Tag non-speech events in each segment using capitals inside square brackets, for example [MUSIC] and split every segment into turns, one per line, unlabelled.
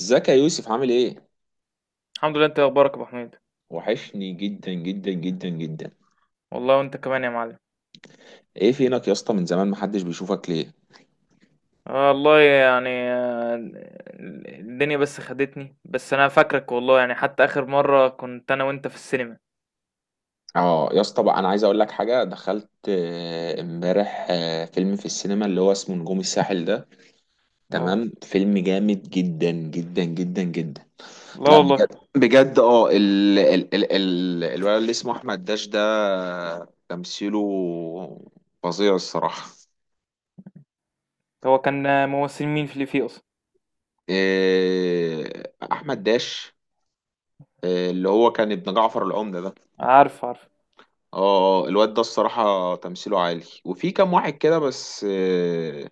ازيك يا يوسف، عامل ايه؟
الحمد لله، انت اخبارك يا ابو حميد؟
وحشني جدا جدا جدا جدا.
والله وانت كمان يا معلم.
ايه فينك يا اسطى؟ من زمان محدش بيشوفك ليه؟
آه والله يعني آه، الدنيا بس خدتني، بس انا فاكرك والله يعني، حتى اخر مره كنت انا وانت في السينما.
اه يا اسطى بقى، انا عايز اقول لك حاجه. دخلت امبارح فيلم في السينما، اللي هو اسمه نجوم الساحل ده.
اه.
تمام، فيلم جامد جدا جدا جدا جدا.
لا
لا
والله.
بجد بجد، ال ال ال ال الولد اللي اسمه احمد داش ده، تمثيله فظيع الصراحه.
هو كان ممثل مين في اللي فيه اصلا؟
إيه، احمد داش. إيه، اللي هو كان ابن جعفر العمدة ده.
عارف عارف.
اه. اه الواد ده الصراحة تمثيله عالي، وفي كام واحد كده بس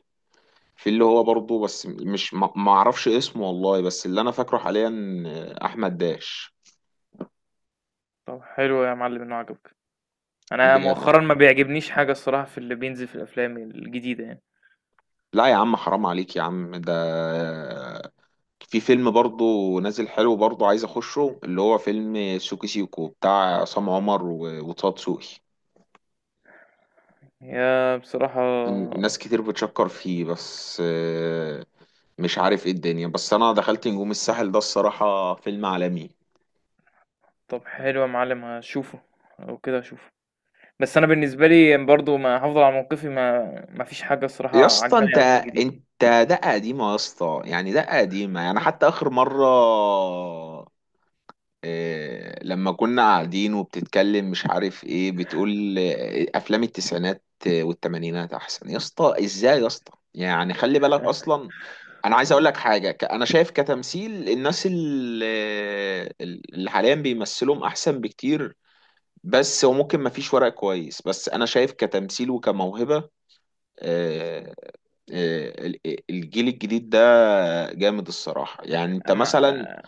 في، اللي هو برضه، بس مش ما اعرفش اسمه والله، بس اللي انا فاكره حاليا احمد داش.
طب حلو يا معلم انه عجبك. انا
بجد.
مؤخرا ما بيعجبنيش حاجه الصراحه في اللي بينزل في الافلام الجديده يعني.
لا يا عم، حرام عليك يا عم ده. في فيلم برضه نازل حلو برضه، عايز اخشه، اللي هو فيلم سوكي سيكو بتاع عصام عمر وطه دسوقي.
يا بصراحه.
ناس كتير بتشكر فيه بس مش عارف ايه الدنيا، بس انا دخلت نجوم الساحل ده، الصراحة فيلم عالمي.
طب حلو يا معلم هشوفه وكده هشوفه. بس انا بالنسبه لي برضو ما هفضل على موقفي. ما فيش حاجه الصراحه
يا اسطى
عجباني
انت
قوي في الجديد.
انت دقه قديمه يا اسطى، يعني دقه قديمه، يعني حتى اخر مره، إيه، لما كنا قاعدين وبتتكلم مش عارف ايه بتقول، إيه، افلام التسعينات والثمانينات احسن يا اسطى، ازاي يا اسطى؟ يعني خلي بالك اصلا. انا عايز اقول لك حاجه، انا شايف كتمثيل الناس اللي حاليا بيمثلهم احسن بكتير، بس وممكن ما فيش ورق كويس، بس انا شايف كتمثيل وكموهبه آه، الجيل الجديد ده جامد الصراحة، يعني انت مثلا
أما...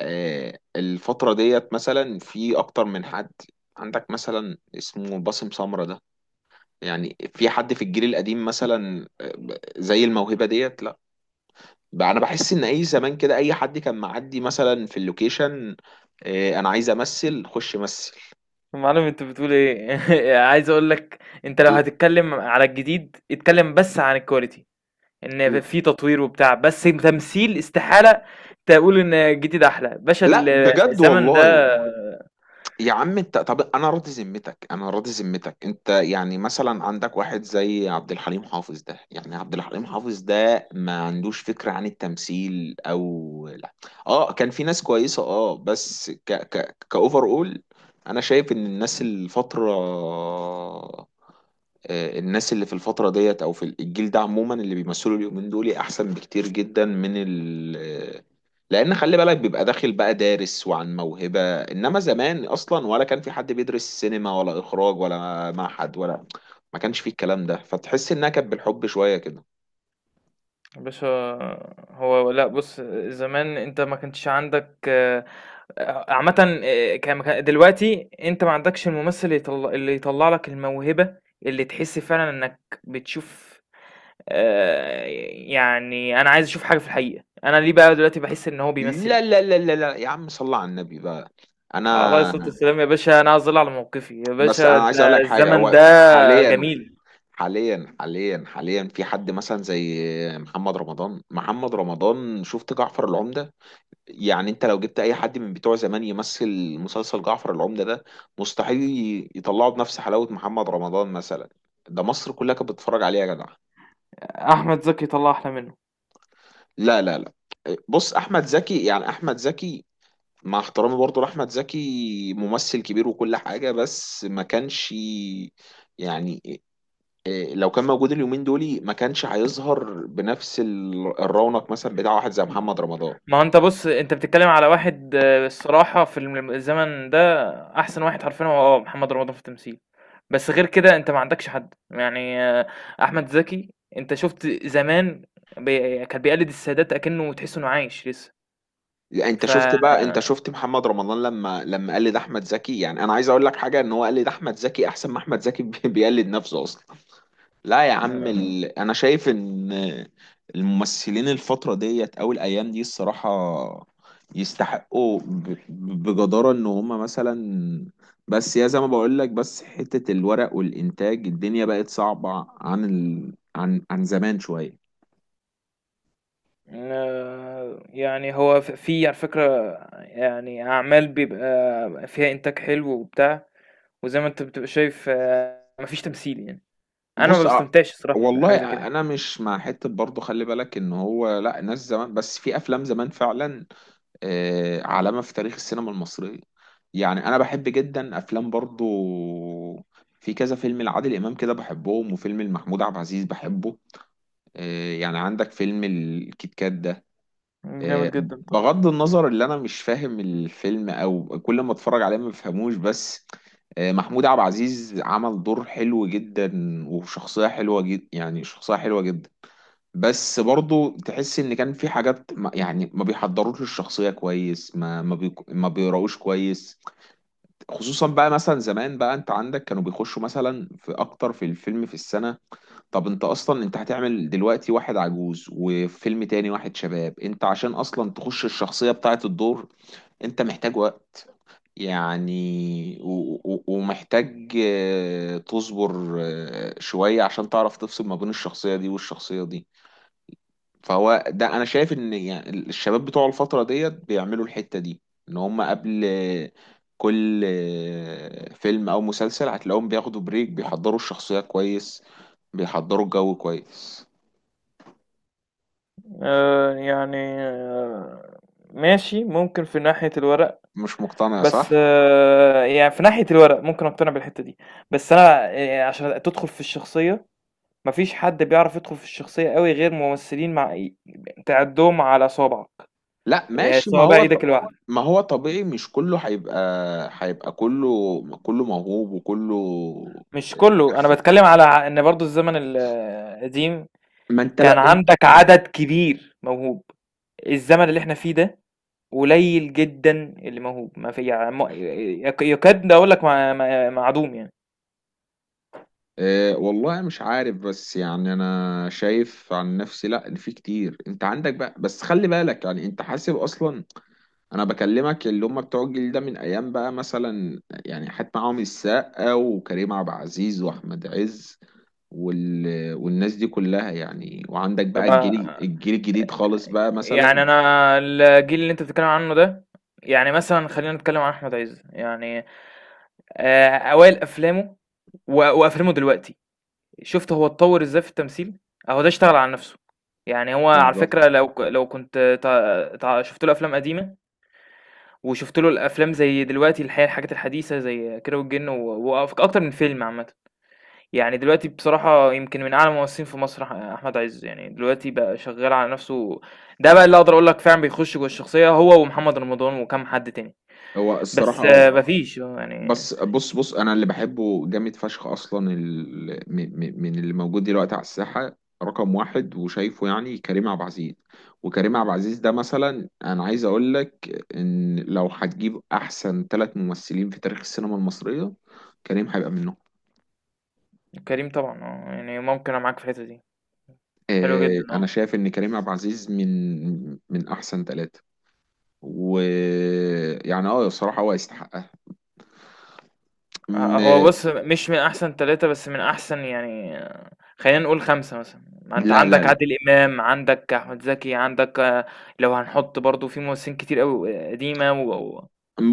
الفترة ديت مثلا، في اكتر من حد. عندك مثلا اسمه باسم سمرة ده، يعني في حد في الجيل القديم مثلا زي الموهبة ديت؟ لا. بقى انا بحس ان اي زمان كده اي حد كان معدي مثلا في اللوكيشن، انا عايز امثل، خش مثل.
معلم انت بتقول ايه؟ [LAUGHS] عايز اقول لك، انت لو هتتكلم على الجديد اتكلم بس عن الكواليتي، ان في تطوير وبتاع، بس تمثيل استحاله تقول ان الجديد احلى باشا
لا بجد
الزمن ده.
والله. يا عم انت، طب انا راضي ذمتك، انا راضي ذمتك انت، يعني مثلا عندك واحد زي عبد الحليم حافظ ده، يعني عبد الحليم حافظ ده ما عندوش فكرة عن التمثيل او لا؟ اه كان في ناس كويسة، اه بس ك ك كاوفر اول. انا شايف ان الناس الفترة الناس اللي في الفترة ديت، أو في الجيل ده عموما، اللي بيمثلوا اليومين دول أحسن بكتير جدا من ال آه، لأن خلي بالك، بيبقى داخل بقى دارس وعن موهبة، إنما زمان أصلا ولا كان في حد بيدرس سينما ولا إخراج ولا معهد ولا ما كانش فيه الكلام ده، فتحس إنها كانت بالحب شوية كده.
باشا هو لأ، بُص، زمان أنت ما كانش عندك عامةً، ك مك دلوقتي أنت ما عندكش الممثل اللي يطل، اللي يطلّع لك الموهبة، اللي تحس فعلًا إنّك بتشوف. آآ يعني أنا عايز أشوف حاجة في الحقيقة، أنا ليه بقى دلوقتي باحس إن هو بيمثّل؟
لا لا لا لا لا يا عم، صل على النبي بقى.
على عليه الصلاة
أنا،
والسلام يا باشا، أنا أظل على موقفي، يا
بس
باشا
أنا
أنت
عايز أقول لك حاجة،
الزمن
هو
ده
حاليا
جميل.
حاليا حاليا حاليا في حد مثلا زي محمد رمضان. محمد رمضان شفت جعفر العمدة؟ يعني انت لو جبت اي حد من بتوع زمان يمثل مسلسل جعفر العمدة ده، مستحيل يطلعه بنفس حلاوة محمد رمضان مثلا. ده مصر كلها كانت بتتفرج عليه يا جدع.
أحمد زكي طلّع أحلى منّه.
لا لا لا. بص، احمد زكي يعني، احمد زكي مع احترامي برضه لاحمد زكي ممثل كبير وكل حاجة، بس ما كانش يعني، إيه، لو كان موجود اليومين دولي، ما كانش هيظهر بنفس الرونق مثلا بتاع واحد زي محمد رمضان.
ما هو أنت بُص، أنت بتتكلّم على واحد الصراحة في الزمن ده أحسن واحد حرفيًا هو محمد رمضان في التمثيل. بس غير كده أنت ما عندكش حد، يعني أحمد زكي، أنت شُفت زمان بي كان بيقلد السادات أكنّه تحس إنه عايش لسه.
يعني انت
ف
شفت بقى، انت شفت محمد رمضان لما قلد احمد زكي، يعني انا عايز اقول لك حاجه، ان هو قلد احمد زكي احسن ما احمد زكي [LAUGHS] بيقلد نفسه اصلا. لا يا عم انا شايف ان الممثلين الفترة ديت او الايام دي الصراحة يستحقوا بجدارة ان هما مثلا، بس يا زي ما بقول لك، بس حتة الورق والانتاج الدنيا بقت صعبة عن عن زمان شوية.
يعني هو في على فكرة، يعني أعمال بيبقى فيها إنتاج حلو وبتاع، وزي ما أنت بتبقى شايف ما فيش تمثيل يعني. أنا ما
بص
باستمتعش الصراحة
والله
بحاجة زي كده يعني.
انا مش مع حتة برضه، خلي بالك ان هو لا، ناس زمان، بس في افلام زمان فعلا علامة في تاريخ السينما المصرية. يعني أنا بحب جدا أفلام برضو، في كذا فيلم لعادل إمام كده بحبهم، وفيلم لمحمود عبد العزيز بحبه يعني عندك فيلم الكيت كات ده.
جامد
آه،
جدًا طبعًا.
بغض النظر اللي أنا مش فاهم الفيلم، أو كل ما أتفرج عليه ما بفهموش، بس محمود عبد العزيز عمل دور حلو جدا، وشخصية حلوة جدا، يعني شخصية حلوة جدا، بس برضو تحس ان كان في حاجات يعني ما بيحضروش الشخصيه كويس، ما بيقراوش كويس. خصوصا بقى مثلا زمان بقى، انت عندك كانوا بيخشوا مثلا في اكتر في الفيلم في السنه. طب انت اصلا انت هتعمل دلوقتي واحد عجوز، وفيلم تاني واحد شباب، انت عشان اصلا تخش الشخصيه بتاعه الدور، انت محتاج وقت يعني، ومحتاج تصبر شويه عشان تعرف تفصل ما بين الشخصيه دي والشخصيه دي. فهو ده انا شايف ان، يعني الشباب بتوع الفتره ديت بيعملوا الحته دي، ان هم قبل كل فيلم او مسلسل هتلاقيهم بياخدوا بريك، بيحضروا الشخصيه كويس، بيحضروا الجو كويس.
آه، يعني آه، ماشي، ممكن في ناحية الورق،
مش مقتنع؟
بس
صح.
يعني في ناحية الورق ممكن اقتنع بالحتة دي. بس انا عشان تدخل في الشخصية، مفيش حد بيعرف يدخل في الشخصية قوي غير ممثلين مع تعدهم على صوابعك،
لا
يعني
ماشي، ما
صوابع
هو
ايدك الواحدة.
ما هو طبيعي، مش كله هيبقى، هيبقى كله، كله موهوب وكله
مش كله، انا
بيرفكت.
بتكلم على ان برضو الزمن القديم
ما انت لو،
كان عندك عدد كبير موهوب. الزمن اللي احنا فيه ده قليل جدًا اللي موهوب، ما في يع م يك يكاد أقول لك ما معدوم يعني.
أه والله مش عارف، بس يعني انا شايف عن نفسي لا، إن في كتير. انت عندك بقى، بس خلي بالك يعني انت حاسب اصلا، انا بكلمك اللي هم بتوع الجيل ده من ايام بقى مثلا، يعني حتى معاهم السقا وكريم عبد العزيز واحمد عز والناس دي كلها يعني، وعندك بقى
طب
الجيل الجيل الجديد خالص بقى
يعني
مثلا.
أنا الجيل اللي أنت بتتكلم عنه ده، يعني مثلًا خلّينا نتكلم عن أحمد عز، يعني أوائل أفلامه وأفلامه دلوقتي، شُفت هو اتطوّر إزاي في التمثيل؟ أهو ده اشتغل على نَفْسه، يعني هو على
بالظبط.
فكرة لو كنت ت ت شُفت له أفلام قديمة وشُفت له الأفلام زي دلوقتي الحاجات الحديثة زي كيرة والجن و أكتر من فيلم عامةً. يعني دلوقتي بصراحة يمكن من أعلى الممثلين في مصر أحمد عز، يعني دلوقتي بقى شغال على نفسه. ده بقى اللي أقدر أقول لك فعلا بيخش جوه الشخصية، هو ومحمد رمضان وكم حد تاني.
هو الصراحة
بس آه،
اه،
مفيش آه، يعني.
بس بص بص، انا اللي بحبه جامد فشخ اصلا من اللي موجود دلوقتي على الساحه، رقم واحد وشايفه يعني كريم عبد العزيز. وكريم عبد العزيز ده مثلا، انا عايز اقول لك ان لو هتجيب احسن ثلاث ممثلين في تاريخ السينما المصريه، كريم هيبقى منهم.
كريم طبعا اه، يعني ممكن أنا معاك في الحتة دي، حلو جدا
آه انا
اه.
شايف ان كريم عبد العزيز من احسن ثلاثه، ويعني اه الصراحه هو يستحقها.
هو
م...
بص مش من أحسن ثلاثة بس من أحسن، يعني خلينا نقول خمسة مثلا، ما أنت
لا لا
عندك
لا،
عادل إمام، عندك أحمد زكي، عندك لو هنحط برضو في ممثلين كتير أوي قديمة وهو.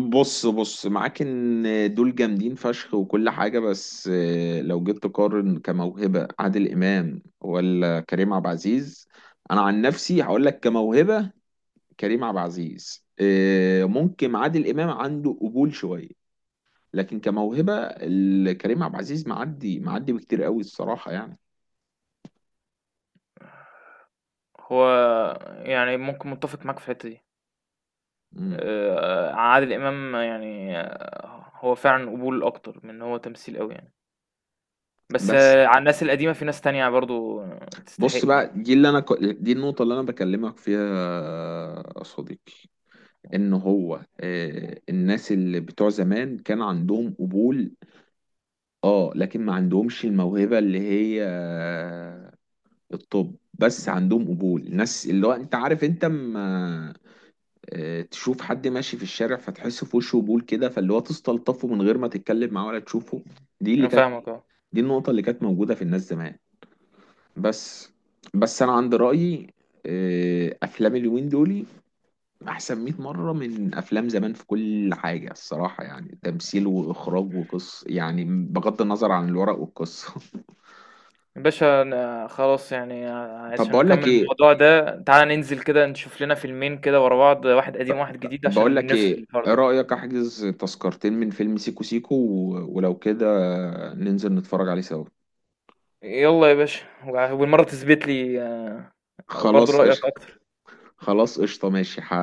بص بص معاك ان دول جامدين فشخ وكل حاجة، بس لو جيت تقارن كموهبة عادل إمام ولا كريم عبد العزيز، أنا عن نفسي هقول لك كموهبة كريم عبد العزيز ممكن عادل إمام عنده قبول شوية، لكن كموهبة كريم عبد العزيز معدي معدي بكتير قوي الصراحة يعني.
يعني ممكن متفق معاك في الحتة دي.
مم.
عادل إمام يعني هو فعلًا قبول أكتر من إن هو تمثيل أوي يعني. بس
بس
على الناس القديمة في ناس تانية برضه تستحق
بص
يعني.
بقى، دي اللي أنا دي النقطة اللي أنا بكلمك فيها يا صديقي، ان هو الناس اللي بتوع زمان كان عندهم قبول، اه لكن ما عندهمش الموهبة، اللي هي الطب، بس عندهم قبول. الناس اللي هو انت عارف، انت اما تشوف حد ماشي في الشارع فتحس في وشه قبول كده، فاللي هو تستلطفه من غير ما تتكلم معاه ولا تشوفه، دي اللي
أنا
كانت،
فاهمك آه.
دي النقطة اللي كانت موجودة في الناس زمان. بس بس انا عندي رأيي، افلام اليومين دول احسن 100 مره من افلام زمان في كل حاجه الصراحه، يعني تمثيل واخراج وقصه، يعني بغض النظر عن الورق والقصه.
يا باشا أنا خلاص، يعني
[LAUGHS] طب
عشان
بقول لك
نكمّل
ايه،
الموضوع ده تعالَ ننزل كده نشوف لنا فيلمين كده ورا بعض، واحد قديم وواحد جديد، عشان نفصل الحوار
ايه
ده.
رايك احجز تذكرتين من فيلم سيكو سيكو ولو كده ننزل نتفرج عليه سوا.
يالّا يا باشا، والمرّة تثبت لي برضه
خلاص
رأيك
قشطه،
أكتر.
خلاص قشطه ماشي،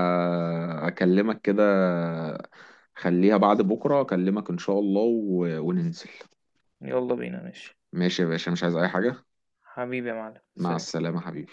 هكلمك كده. خليها بعد بكره اكلمك ان شاء الله، وننزل.
يالّا بينا ماشي.
ماشي يا باشا، مش عايز اي حاجه.
حبيبي يا معلم،
مع
سلام.
السلامه حبيبي.